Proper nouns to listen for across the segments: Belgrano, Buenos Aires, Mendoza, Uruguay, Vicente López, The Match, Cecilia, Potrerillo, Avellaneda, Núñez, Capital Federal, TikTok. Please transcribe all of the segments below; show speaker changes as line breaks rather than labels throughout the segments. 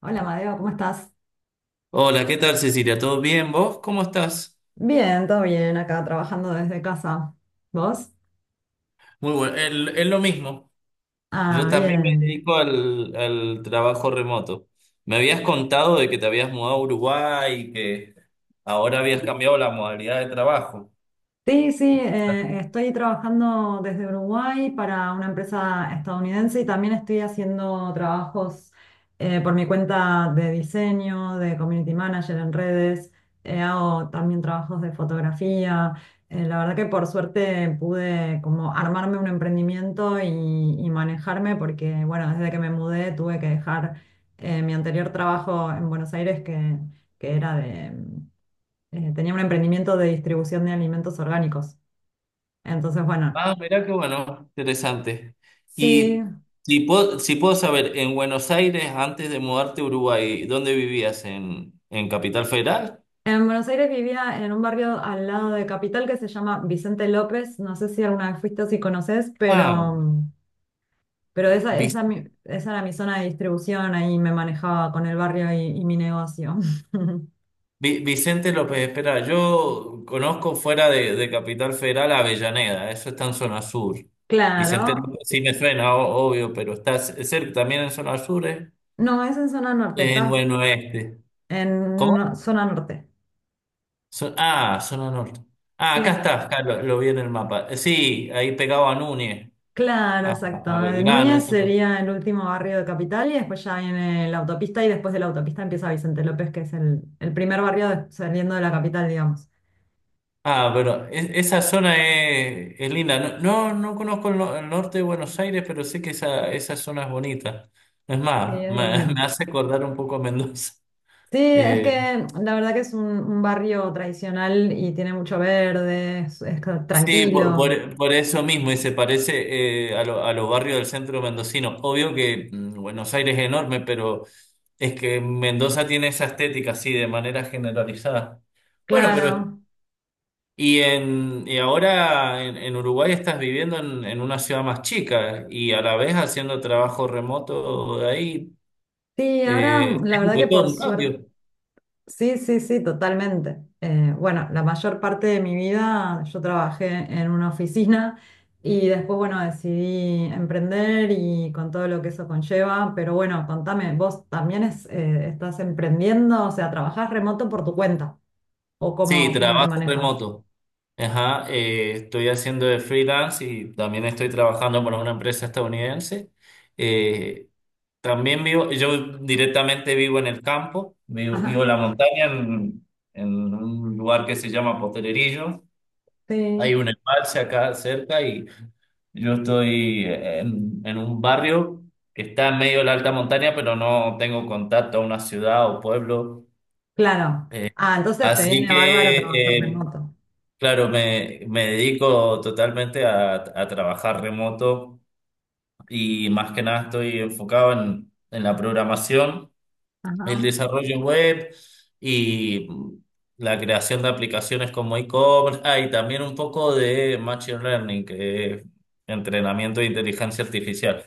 Hola, Madeo, ¿cómo estás?
Hola, ¿qué tal Cecilia? ¿Todo bien? ¿Vos cómo estás?
Bien, todo bien, acá trabajando desde casa. ¿Vos?
Muy bueno, es lo mismo. Yo
Ah,
también me
bien.
dedico al trabajo remoto. Me habías contado de que te habías mudado a Uruguay y que ahora habías cambiado la modalidad de trabajo.
Sí, sí, estoy trabajando desde Uruguay para una empresa estadounidense y también estoy haciendo trabajos por mi cuenta de diseño, de community manager en redes, hago también trabajos de fotografía. La verdad que por suerte pude como armarme un emprendimiento y manejarme porque, bueno, desde que me mudé tuve que dejar mi anterior trabajo en Buenos Aires que era de... tenía un emprendimiento de distribución de alimentos orgánicos. Entonces, bueno,
Ah, mirá qué bueno, interesante.
sí.
Y si puedo saber, en Buenos Aires, antes de mudarte a Uruguay, ¿dónde vivías? En Capital Federal?
En Buenos Aires vivía en un barrio al lado de Capital que se llama Vicente López. No sé si alguna vez fuiste o si conoces,
Ah,
pero, esa era mi zona de distribución. Ahí me manejaba con el barrio y mi negocio.
Vicente López, espera, yo conozco fuera de Capital Federal a Avellaneda, eso está en zona sur. Vicente
Claro.
López sí me suena, obvio, pero está cerca también en zona sur, ¿eh?
No, es en zona norte,
En
estás
buen oeste.
en
¿Cómo?
no- zona norte.
Zona norte. Ah, acá
Sí.
está, lo vi en el mapa. Sí, ahí pegado a Núñez,
Claro,
a,
exacto.
a Belgrano,
Núñez
eso.
sería el último barrio de Capital y después ya viene la autopista y después de la autopista empieza Vicente López, que es el primer barrio saliendo de la capital, digamos.
Ah, pero esa zona es linda. No, no, no conozco el, no- el norte de Buenos Aires, pero sé que esa zona es bonita. Es
Sí,
más,
es
me, me
divino.
hace acordar un poco a Mendoza.
Sí, es
Eh,
que la verdad que es un barrio tradicional y tiene mucho verde, es
sí,
tranquilo.
por eso mismo, y se parece a los barrios del centro mendocino. Obvio que Buenos Aires es enorme, pero es que Mendoza tiene esa estética así de manera generalizada. Bueno, pero
Claro.
y, y ahora en Uruguay estás viviendo en una ciudad más chica y a la vez haciendo trabajo remoto de ahí.
Sí, ahora la verdad que
Es todo
por
un
suerte,
cambio.
sí, sí, sí, totalmente. Bueno, la mayor parte de mi vida yo trabajé en una oficina y después, bueno, decidí emprender y con todo lo que eso conlleva. Pero bueno, contame, ¿vos también estás emprendiendo? O sea, ¿trabajás remoto por tu cuenta? ¿O
Sí,
cómo, cómo te
trabajo
manejas?
remoto. Ajá, estoy haciendo de freelance y también estoy trabajando para una empresa estadounidense. Eh, También vivo, yo directamente vivo en el campo, vivo
Ajá,
en la montaña, en un lugar que se llama Potrerillo. Hay
sí,
un embalse acá cerca y yo estoy en un barrio que está en medio de la alta montaña, pero no tengo contacto a una ciudad o pueblo.
claro.
Eh,
Ah, entonces te
así
viene bárbaro trabajar
que, eh,
remoto.
claro, me dedico totalmente a trabajar remoto y más que nada estoy enfocado en la programación, el
Ajá,
desarrollo web y la creación de aplicaciones como e-commerce, ah, y también un poco de machine learning, que es entrenamiento de inteligencia artificial.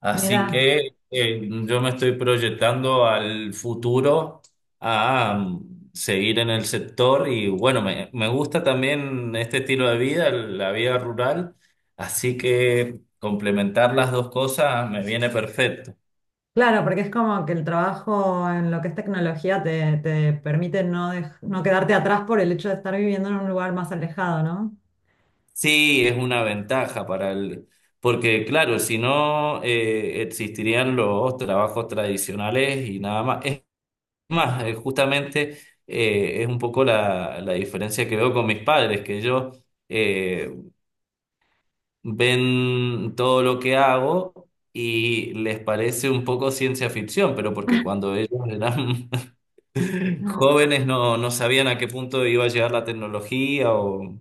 Así
mira.
que yo me estoy proyectando al futuro a seguir en el sector y bueno, me gusta también este estilo de vida, la vida rural, así que complementar las dos cosas me viene perfecto.
Claro, porque es como que el trabajo en lo que es tecnología te, te permite no, no quedarte atrás por el hecho de estar viviendo en un lugar más alejado,
Sí, es una ventaja para porque claro, si no existirían los trabajos tradicionales y nada más. Más, justamente es un poco la diferencia que veo con mis padres, que ellos eh, ven todo lo que hago y les parece un poco ciencia ficción, pero porque cuando ellos eran
¿no?
jóvenes no, no sabían a qué punto iba a llegar la tecnología o...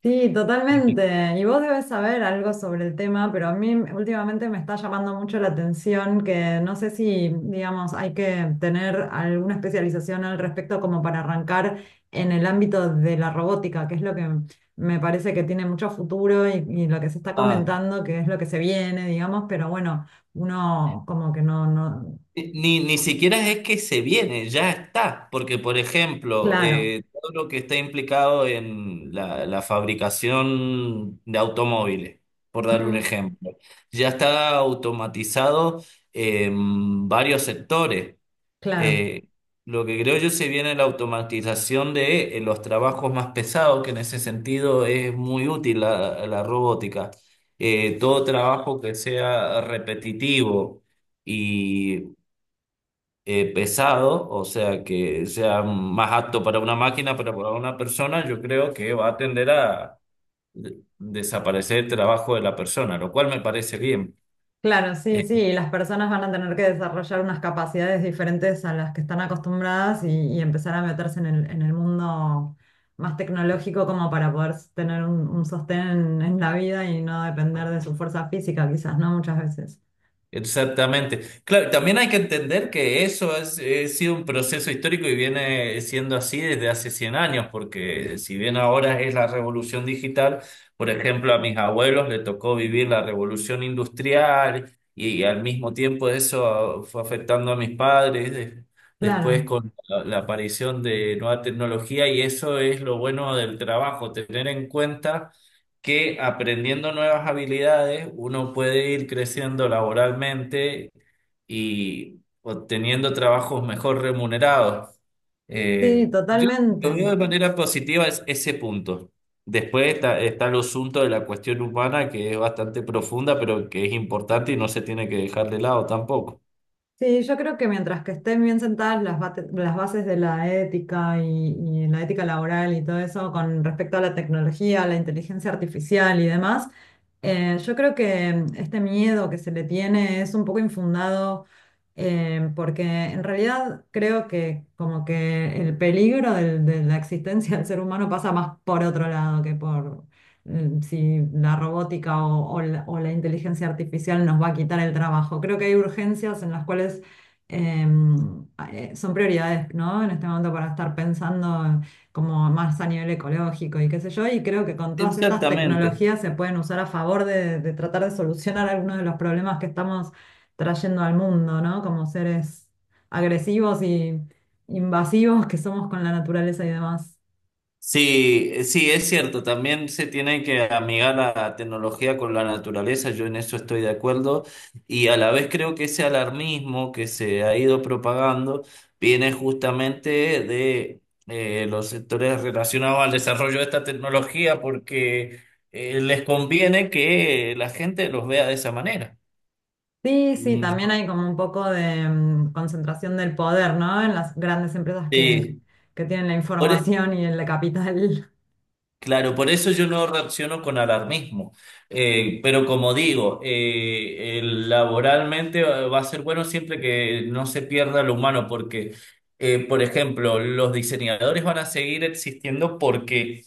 Sí, totalmente. Y vos debes saber algo sobre el tema, pero a mí últimamente me está llamando mucho la atención que no sé si, digamos, hay que tener alguna especialización al respecto como para arrancar en el ámbito de la robótica, que es lo que me parece que tiene mucho futuro y lo que se está
ah,
comentando, que es lo que se viene, digamos, pero bueno, uno como que no, no,
Ni siquiera es que se viene, ya está. Porque, por ejemplo,
claro.
todo lo que está implicado en la fabricación de automóviles, por dar un
Mm,
ejemplo, ya está automatizado en varios sectores.
claro.
Eh, lo que creo yo se viene la automatización de los trabajos más pesados, que en ese sentido es muy útil la robótica. Todo trabajo que sea repetitivo. Y pesado, o sea, que sea más apto para una máquina, pero para una persona, yo creo que va a tender a desaparecer el trabajo de la persona, lo cual me parece bien.
Claro, sí, sí. Y las personas van a tener que desarrollar unas capacidades diferentes a las que están acostumbradas y empezar a meterse en en el mundo más tecnológico como para poder tener un sostén en la vida y no depender de su fuerza física, quizás, ¿no? Muchas veces.
Exactamente. Claro, también hay que entender que eso ha sido un proceso histórico y viene siendo así desde hace 100 años, porque si bien ahora es la revolución digital, por ejemplo, a mis abuelos le tocó vivir la revolución industrial y, al mismo tiempo eso fue afectando a mis padres, después
Claro,
con la aparición de nueva tecnología y eso es lo bueno del trabajo, tener en cuenta que aprendiendo nuevas habilidades uno puede ir creciendo laboralmente y obteniendo trabajos mejor remunerados.
sí,
Yo lo
totalmente.
veo de manera positiva es ese punto. Después está el asunto de la cuestión humana, que es bastante profunda, pero que es importante y no se tiene que dejar de lado tampoco.
Sí, yo creo que mientras que estén bien sentadas las bases de la ética y la ética laboral y todo eso con respecto a la tecnología, la inteligencia artificial y demás, yo creo que este miedo que se le tiene es un poco infundado, porque en realidad creo que como que el peligro de la existencia del ser humano pasa más por otro lado que por, si la robótica o la inteligencia artificial nos va a quitar el trabajo. Creo que hay urgencias en las cuales son prioridades, ¿no? En este momento, para estar pensando como más a nivel ecológico y qué sé yo, y creo que con todas estas
Exactamente.
tecnologías se pueden usar a favor de tratar de solucionar algunos de los problemas que estamos trayendo al mundo, ¿no? Como seres agresivos y invasivos que somos con la naturaleza y demás.
Sí, sí, es cierto, también se tiene que amigar la tecnología con la naturaleza, yo en eso estoy de acuerdo, y a la vez creo que ese alarmismo que se ha ido propagando viene justamente de los sectores relacionados al desarrollo de esta tecnología porque les conviene que la gente los vea de esa manera.
Sí, sí,
Mm,
también
yo-
hay como un poco de concentración del poder, ¿no? En las grandes empresas
Sí.
que tienen la
Por, e
información y el capital.
Claro, por eso yo no reacciono con alarmismo. Pero como digo, el laboralmente va a ser bueno siempre que no se pierda lo humano, porque, por ejemplo, los diseñadores van a seguir existiendo porque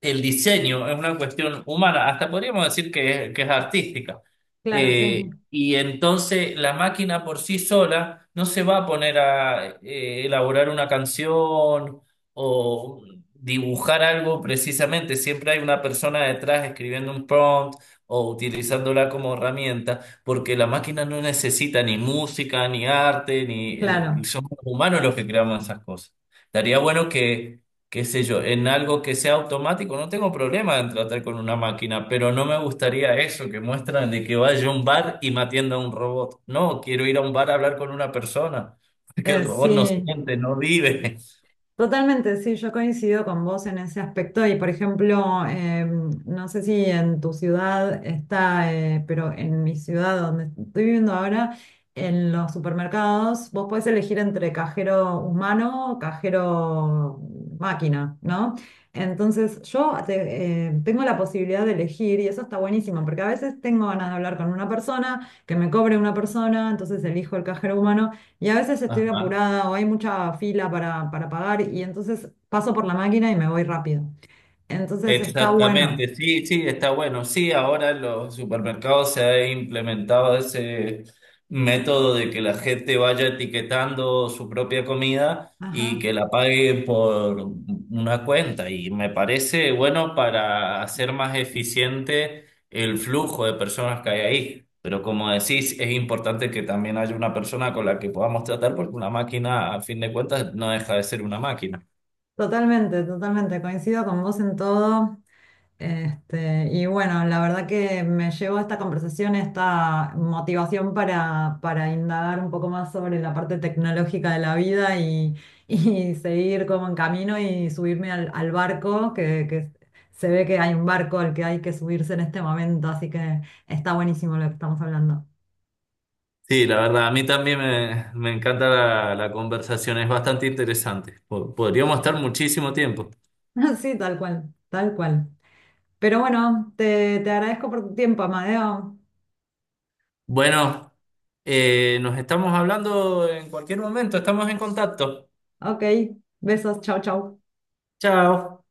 el diseño es una cuestión humana, hasta podríamos decir que que es artística.
Claro, sí, sí.
Y entonces la máquina por sí sola no se va a poner a elaborar una canción o dibujar algo precisamente. Siempre hay una persona detrás escribiendo un prompt o utilizándola como herramienta, porque la máquina no necesita ni música, ni arte, ni
Claro.
somos humanos los que creamos esas cosas. Estaría bueno que qué sé yo, en algo que sea automático, no tengo problema en tratar con una máquina, pero no me gustaría eso que muestran de que vaya a un bar y me atienda un robot. No, quiero ir a un bar a hablar con una persona, porque el robot no
Sí,
siente, no vive.
totalmente, sí, yo coincido con vos en ese aspecto y, por ejemplo, no sé si en tu ciudad está, pero en mi ciudad donde estoy viviendo ahora, en los supermercados vos podés elegir entre cajero humano o cajero máquina, ¿no? Entonces yo tengo la posibilidad de elegir y eso está buenísimo porque a veces tengo ganas de hablar con una persona, que me cobre una persona, entonces elijo el cajero humano. Y a veces estoy
Ajá.
apurada o hay mucha fila para pagar y entonces paso por la máquina y me voy rápido. Entonces está bueno.
Exactamente, sí, sí, está bueno. Sí, ahora en los supermercados se ha implementado ese método de que la gente vaya etiquetando su propia comida y
Ajá.
que la pague por una cuenta. Y me parece bueno para hacer más eficiente el flujo de personas que hay ahí. Pero como decís, es importante que también haya una persona con la que podamos tratar porque una máquina, a fin de cuentas, no deja de ser una máquina.
Totalmente, totalmente. Coincido con vos en todo. Este, y bueno, la verdad que me llevó a esta conversación, esta motivación para indagar un poco más sobre la parte tecnológica de la vida y seguir como en camino y subirme al, al barco, que se ve que hay un barco al que hay que subirse en este momento, así que está buenísimo lo que estamos hablando.
Sí, la verdad, a mí también me encanta la conversación, es bastante interesante. Podríamos estar muchísimo tiempo.
Sí, tal cual, tal cual. Pero bueno, te agradezco por tu tiempo, Amadeo.
Bueno, nos estamos hablando en cualquier momento, estamos en contacto.
Ok, besos, chau, chau.
Chao.